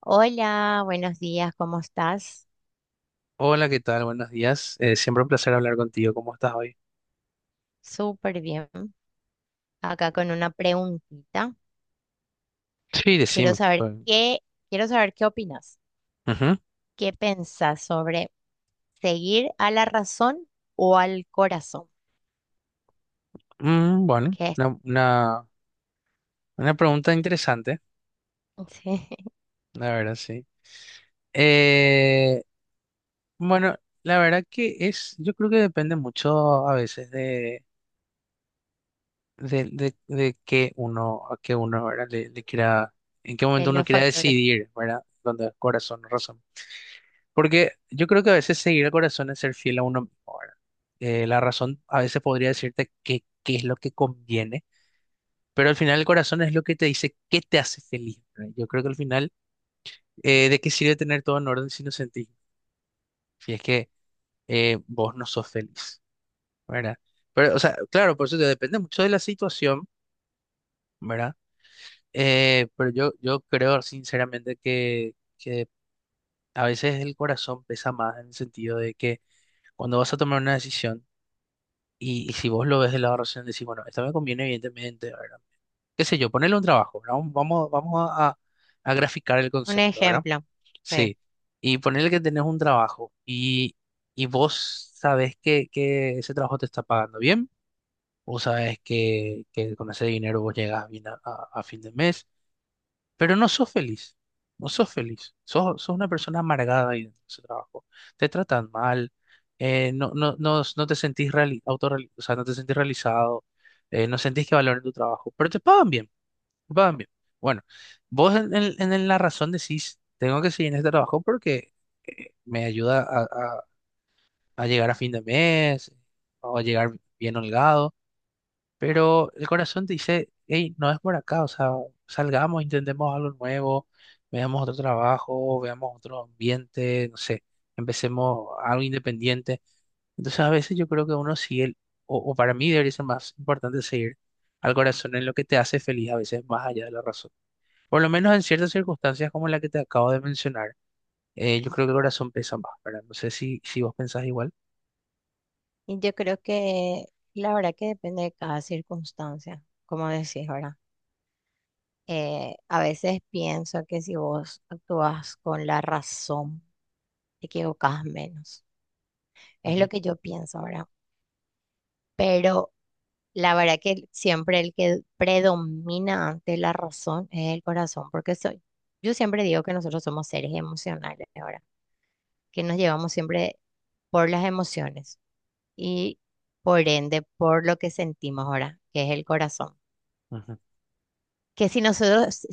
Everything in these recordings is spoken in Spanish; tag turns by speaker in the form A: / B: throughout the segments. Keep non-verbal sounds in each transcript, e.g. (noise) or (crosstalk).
A: Hola, buenos días, ¿cómo estás?
B: Hola, ¿qué tal? Buenos días. Siempre un placer hablar contigo. ¿Cómo estás hoy?
A: Súper bien. Acá con una preguntita.
B: Sí,
A: Quiero
B: decime.
A: saber
B: Pues,
A: qué, quiero saber qué opinas.
B: ujú.
A: ¿Qué pensás sobre seguir a la razón o al corazón?
B: Bueno,
A: ¿Qué es?
B: una pregunta interesante,
A: (laughs) Sí,
B: la verdad, sí. Eh, bueno, la verdad que es, yo creo que depende mucho a veces de, de qué uno, a qué uno, ¿verdad? Le quiera, en qué
A: de
B: momento uno
A: los
B: quiera
A: factores.
B: decidir, ¿verdad? Donde el corazón, razón. Porque yo creo que a veces seguir el corazón es ser fiel a uno mismo, ¿verdad? La razón a veces podría decirte qué es lo que conviene, pero al final el corazón es lo que te dice qué te hace feliz, ¿verdad? Yo creo que al final, ¿de qué sirve tener todo en orden si no sentís? Si es que vos no sos feliz, ¿verdad? Pero, o sea, claro, por eso te depende mucho de la situación, ¿verdad? Pero yo creo sinceramente que a veces el corazón pesa más en el sentido de que cuando vas a tomar una decisión. Y si vos lo ves de la razón, decís, bueno, esto me conviene evidentemente, ¿verdad? Qué sé yo, ponerle un trabajo, ¿verdad? Vamos a graficar el
A: Un
B: concepto, ¿verdad?
A: ejemplo. Sí.
B: Sí. Y ponerle que tenés un trabajo y, vos sabés que ese trabajo te está pagando bien. Vos sabés que con ese dinero vos llegas bien a fin de mes, pero no sos feliz, no sos feliz, sos una persona amargada ahí dentro de ese trabajo, te tratan mal, no te sentís o sea, no te sentís realizado. No sentís que valoren tu trabajo, pero te pagan bien, te pagan bien. Bueno, vos en, en la razón decís, tengo que seguir en este trabajo porque me ayuda a, a llegar a fin de mes o a llegar bien holgado. Pero el corazón te dice, hey, no es por acá, o sea, salgamos, intentemos algo nuevo, veamos otro trabajo, veamos otro ambiente, no sé, empecemos algo independiente. Entonces a veces yo creo que uno sigue, o para mí debería ser más importante seguir al corazón en lo que te hace feliz, a veces más allá de la razón. Por lo menos en ciertas circunstancias como la que te acabo de mencionar, yo creo que el corazón pesa más, ¿verdad? No sé si vos pensás igual.
A: Y yo creo que la verdad que depende de cada circunstancia, como decís ahora. A veces pienso que si vos actúas con la razón, te equivocás menos. Es lo
B: Ujú,
A: que yo pienso ahora. Pero la verdad que siempre el que predomina ante la razón es el corazón, porque soy. Yo siempre digo que nosotros somos seres emocionales ahora, que nos llevamos siempre por las emociones y por ende por lo que sentimos ahora, que es el corazón.
B: ujú.
A: Que si nosotros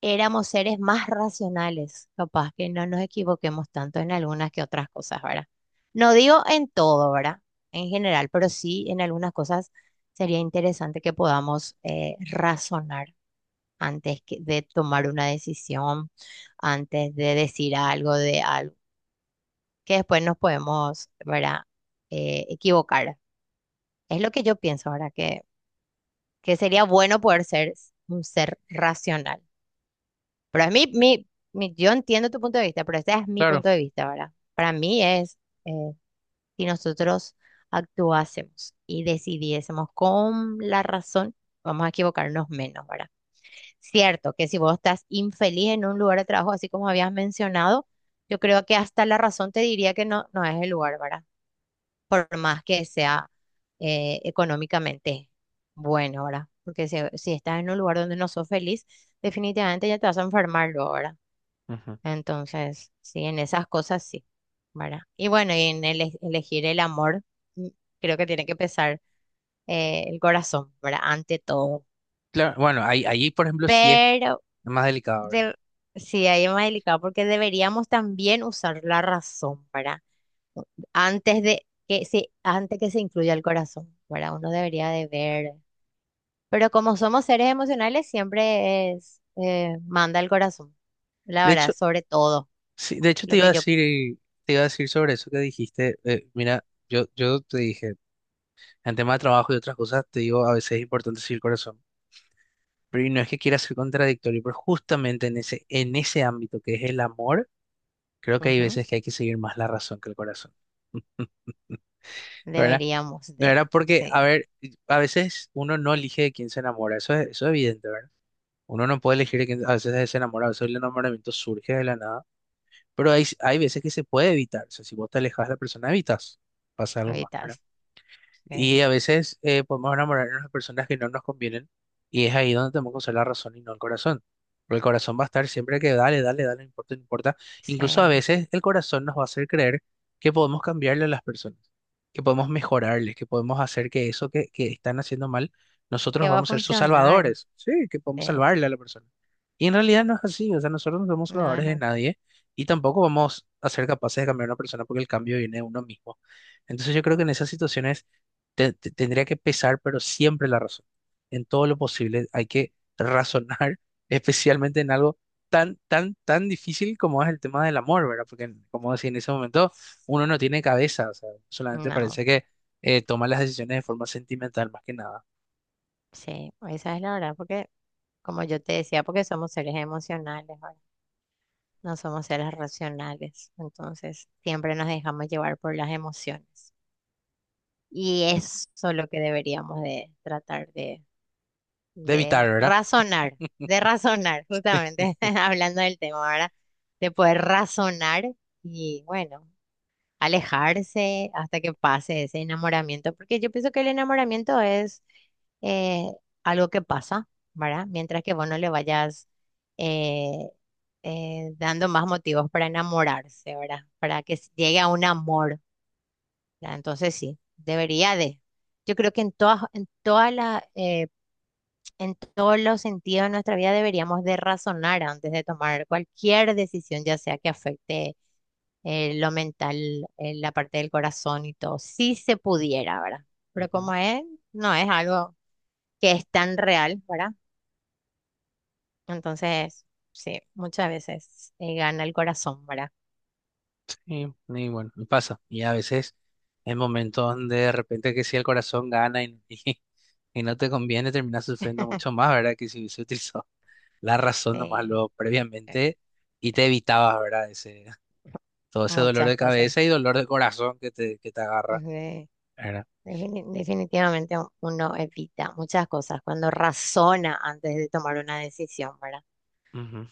A: éramos seres más racionales, capaz que no nos equivoquemos tanto en algunas que otras cosas, ¿verdad? No digo en todo, ¿verdad? En general, pero sí en algunas cosas sería interesante que podamos razonar de tomar una decisión, antes de decir algo de algo, que después nos podemos, ¿verdad? Equivocar. Es lo que yo pienso, ¿verdad? Que sería bueno poder ser un ser racional. Pero es, yo entiendo tu punto de vista, pero ese es mi
B: Claro,
A: punto de vista, ¿verdad? Para mí es, eh, si nosotros actuásemos y decidiésemos con la razón, vamos a equivocarnos menos, ¿verdad? Cierto que si vos estás infeliz en un lugar de trabajo, así como habías mencionado, yo creo que hasta la razón te diría que no, no es el lugar, ¿verdad? Por más que sea económicamente bueno, ¿verdad? Porque si estás en un lugar donde no sos feliz, definitivamente ya te vas a enfermar luego, ¿verdad?
B: ujú.
A: Entonces, sí, en esas cosas sí, ¿verdad? Y bueno, y en elegir el amor, mm, creo que tiene que pesar el corazón, ¿verdad? Ante todo.
B: Claro, bueno, ahí por ejemplo sí es
A: Pero
B: más delicado, ¿verdad?
A: de- sí, ahí es más delicado porque deberíamos también usar la razón, ¿verdad? Antes de que se, antes que se incluya el corazón, ¿verdad? Uno debería de ver. Pero como somos seres emocionales, siempre es, manda el corazón, la
B: De
A: verdad,
B: hecho,
A: sobre todo,
B: sí, de hecho
A: lo que yo.
B: te iba a decir sobre eso que dijiste. Mira, yo te dije, en tema de trabajo y otras cosas, te digo, a veces es importante seguir el corazón. Pero y no es que quiera ser contradictorio, pero justamente en ese ámbito que es el amor, creo que hay
A: Ujú.
B: veces que hay que seguir más la razón que el corazón. (laughs) ¿Verdad?
A: Deberíamos
B: De
A: de,
B: verdad, porque, a
A: sí.
B: ver, a veces uno no elige de quién se enamora, eso es evidente, ¿verdad? Uno no puede elegir de quién, a veces se enamora, a veces el enamoramiento surge de la nada. Pero hay veces que se puede evitar. O sea, si vos te alejas de la persona, evitas. Pasa algo más,
A: Ahorita
B: ¿verdad? Y
A: sí.
B: a veces podemos enamorarnos de personas que no nos convienen, y es ahí donde tenemos que usar la razón y no el corazón. Porque el corazón va a estar siempre que dale, dale, dale, no importa, no importa. Incluso a
A: Sí,
B: veces el corazón nos va a hacer creer que podemos cambiarle a las personas, que podemos mejorarles, que podemos hacer que eso que están haciendo mal, nosotros
A: que va a
B: vamos a ser sus
A: funcionar.
B: salvadores. Sí, que podemos
A: Sí,
B: salvarle a la persona. Y en realidad no es así, o sea, nosotros no somos
A: no
B: salvadores
A: es
B: de
A: así.
B: nadie, y tampoco vamos a ser capaces de cambiar a una persona porque el cambio viene de uno mismo. Entonces yo creo que en esas situaciones tendría que pesar, pero siempre la razón. En todo lo posible hay que razonar, (laughs) especialmente en algo tan, tan, tan difícil como es el tema del amor, ¿verdad? Porque, como decía, en ese momento uno no tiene cabeza, o sea, solamente
A: No.
B: parece que toma las decisiones de forma sentimental, más que nada.
A: Sí, esa es la verdad, porque como yo te decía, porque somos seres emocionales, ¿verdad? No somos seres racionales, entonces siempre nos dejamos llevar por las emociones y eso es lo que deberíamos de tratar
B: De evitar,
A: de
B: ¿verdad?
A: razonar, de razonar, justamente (laughs) hablando del tema ahora, de poder razonar y bueno. Alejarse hasta que pase ese enamoramiento, porque yo pienso que el enamoramiento es eh, algo que pasa, ¿verdad? Mientras que vos no le vayas eh, dando más motivos para enamorarse, ¿verdad? Para que llegue a un amor, ¿verdad? Entonces sí, debería de. Yo creo que en todas, en toda la, en todos los sentidos de nuestra vida deberíamos de razonar antes de tomar cualquier decisión, ya sea que afecte lo mental, la parte del corazón y todo, si se pudiera, ¿verdad? Pero
B: Ujú.
A: como es, no es algo que es tan real, ¿verdad? Entonces, sí, muchas veces gana el corazón, ¿verdad?
B: Sí, y bueno, y pasa. Y a veces en momentos donde de repente que si el corazón gana y, (laughs) y, no te conviene, terminas sufriendo mucho más, ¿verdad? Que si se utilizó (laughs) la razón nomás
A: Eh,
B: lo
A: eh,
B: previamente y te evitabas, ¿verdad? Ese, todo ese dolor
A: Muchas
B: de
A: cosas.
B: cabeza y dolor de corazón que te agarra,
A: Eh,
B: ¿verdad?
A: Definitivamente uno evita muchas cosas cuando razona antes de tomar una decisión, ¿verdad?
B: Ujú.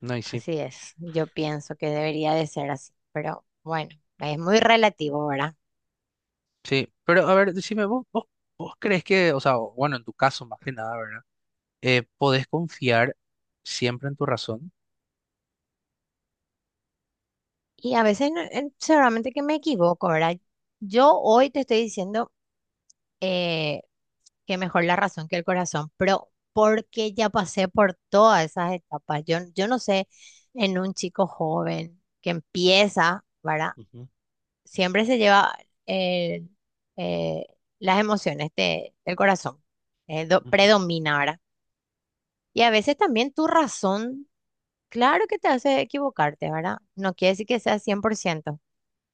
B: No, y sí,
A: Así es, yo pienso que debería de ser así, pero bueno, es muy relativo, ¿verdad?
B: sí. Pero a ver, decime, vos crees que, o sea, bueno, en tu caso más que nada, ¿verdad? ¿Podés confiar siempre en tu razón?
A: Y a veces seguramente que me equivoco, ¿verdad? Yo hoy te estoy diciendo eh, que mejor la razón que el corazón, pero porque ya pasé por todas esas etapas. Yo no sé, en un chico joven que empieza, ¿verdad?
B: Ujú,
A: Siempre se lleva el, eh, las emociones del corazón,
B: ujú.
A: predomina, ¿verdad? Y a veces también tu razón, claro que te hace equivocarte, ¿verdad? No quiere decir que sea 100%.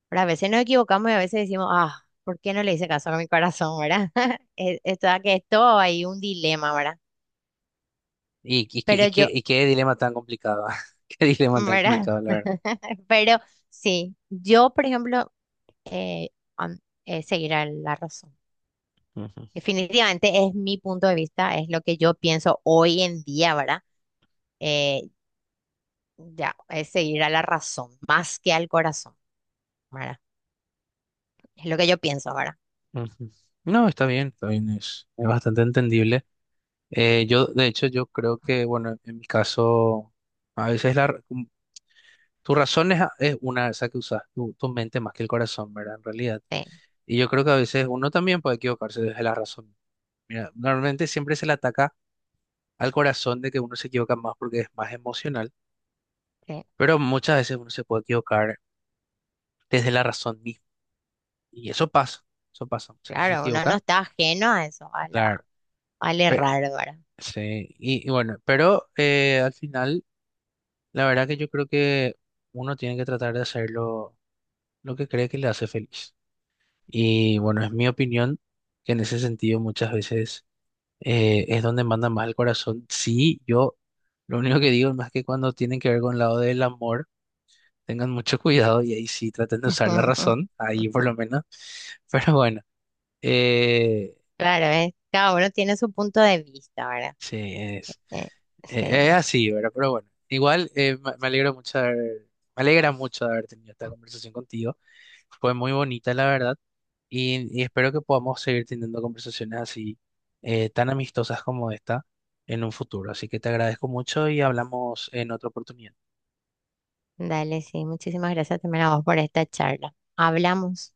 A: Pero a veces nos equivocamos y a veces decimos, ah, ¿por qué no le hice caso a mi corazón, verdad? (laughs) Es toda que es todo ahí un dilema, ¿verdad?
B: Y, y, qué-
A: Pero
B: y, qué,
A: yo,
B: y qué dilema tan complicado, (laughs) qué dilema tan
A: ¿verdad?
B: complicado, la verdad.
A: (laughs) Pero sí, yo, por ejemplo, eh, am- seguirá la razón.
B: Ujú, ujú.
A: Definitivamente es mi punto de vista, es lo que yo pienso hoy en día, ¿verdad? Eh, ya, es seguir a la razón, más que al corazón, ¿verdad? Es lo que yo pienso, ¿verdad?
B: No, está bien, es bastante entendible. Yo, de hecho, yo creo que, bueno, en mi caso, a veces tu razón es, a- es una, esa que usas, tu mente más que el corazón, ¿verdad? En realidad.
A: Sí,
B: Y yo creo que a veces uno también puede equivocarse desde la razón. Mira, normalmente siempre se le ataca al corazón de que uno se equivoca más porque es más emocional,
A: sí,
B: pero muchas veces uno se puede equivocar desde la razón misma. Y eso pasa, eso pasa. Muchas veces se
A: claro, uno no
B: equivoca,
A: está ajeno a eso, a
B: claro.
A: la, al
B: Pero
A: errar, ¿verdad?
B: sí, y bueno, pero al final. La verdad que yo creo que uno tiene que tratar de hacer lo que cree que le hace feliz. Y bueno, es mi opinión que en ese sentido muchas veces es donde manda más el corazón. Sí, yo lo único que digo es más que cuando tienen que ver con el lado del amor, tengan mucho (laughs) cuidado y ahí sí traten de usar la
A: (laughs)
B: razón, ahí por lo menos. (laughs) Pero bueno, eh,
A: Claro, ¿ves? Cada uno tiene su punto de vista, ¿verdad?
B: sí,
A: Eh, sí,
B: es así, ¿verdad? Pero bueno, igual me alegra mucho de haber tenido esta conversación contigo. Fue muy bonita, la verdad, y espero que podamos seguir teniendo conversaciones así tan amistosas como esta en un futuro. Así que te agradezco mucho y hablamos en otra oportunidad.
A: dale, sí. Muchísimas gracias también a vos por esta charla. Hablamos.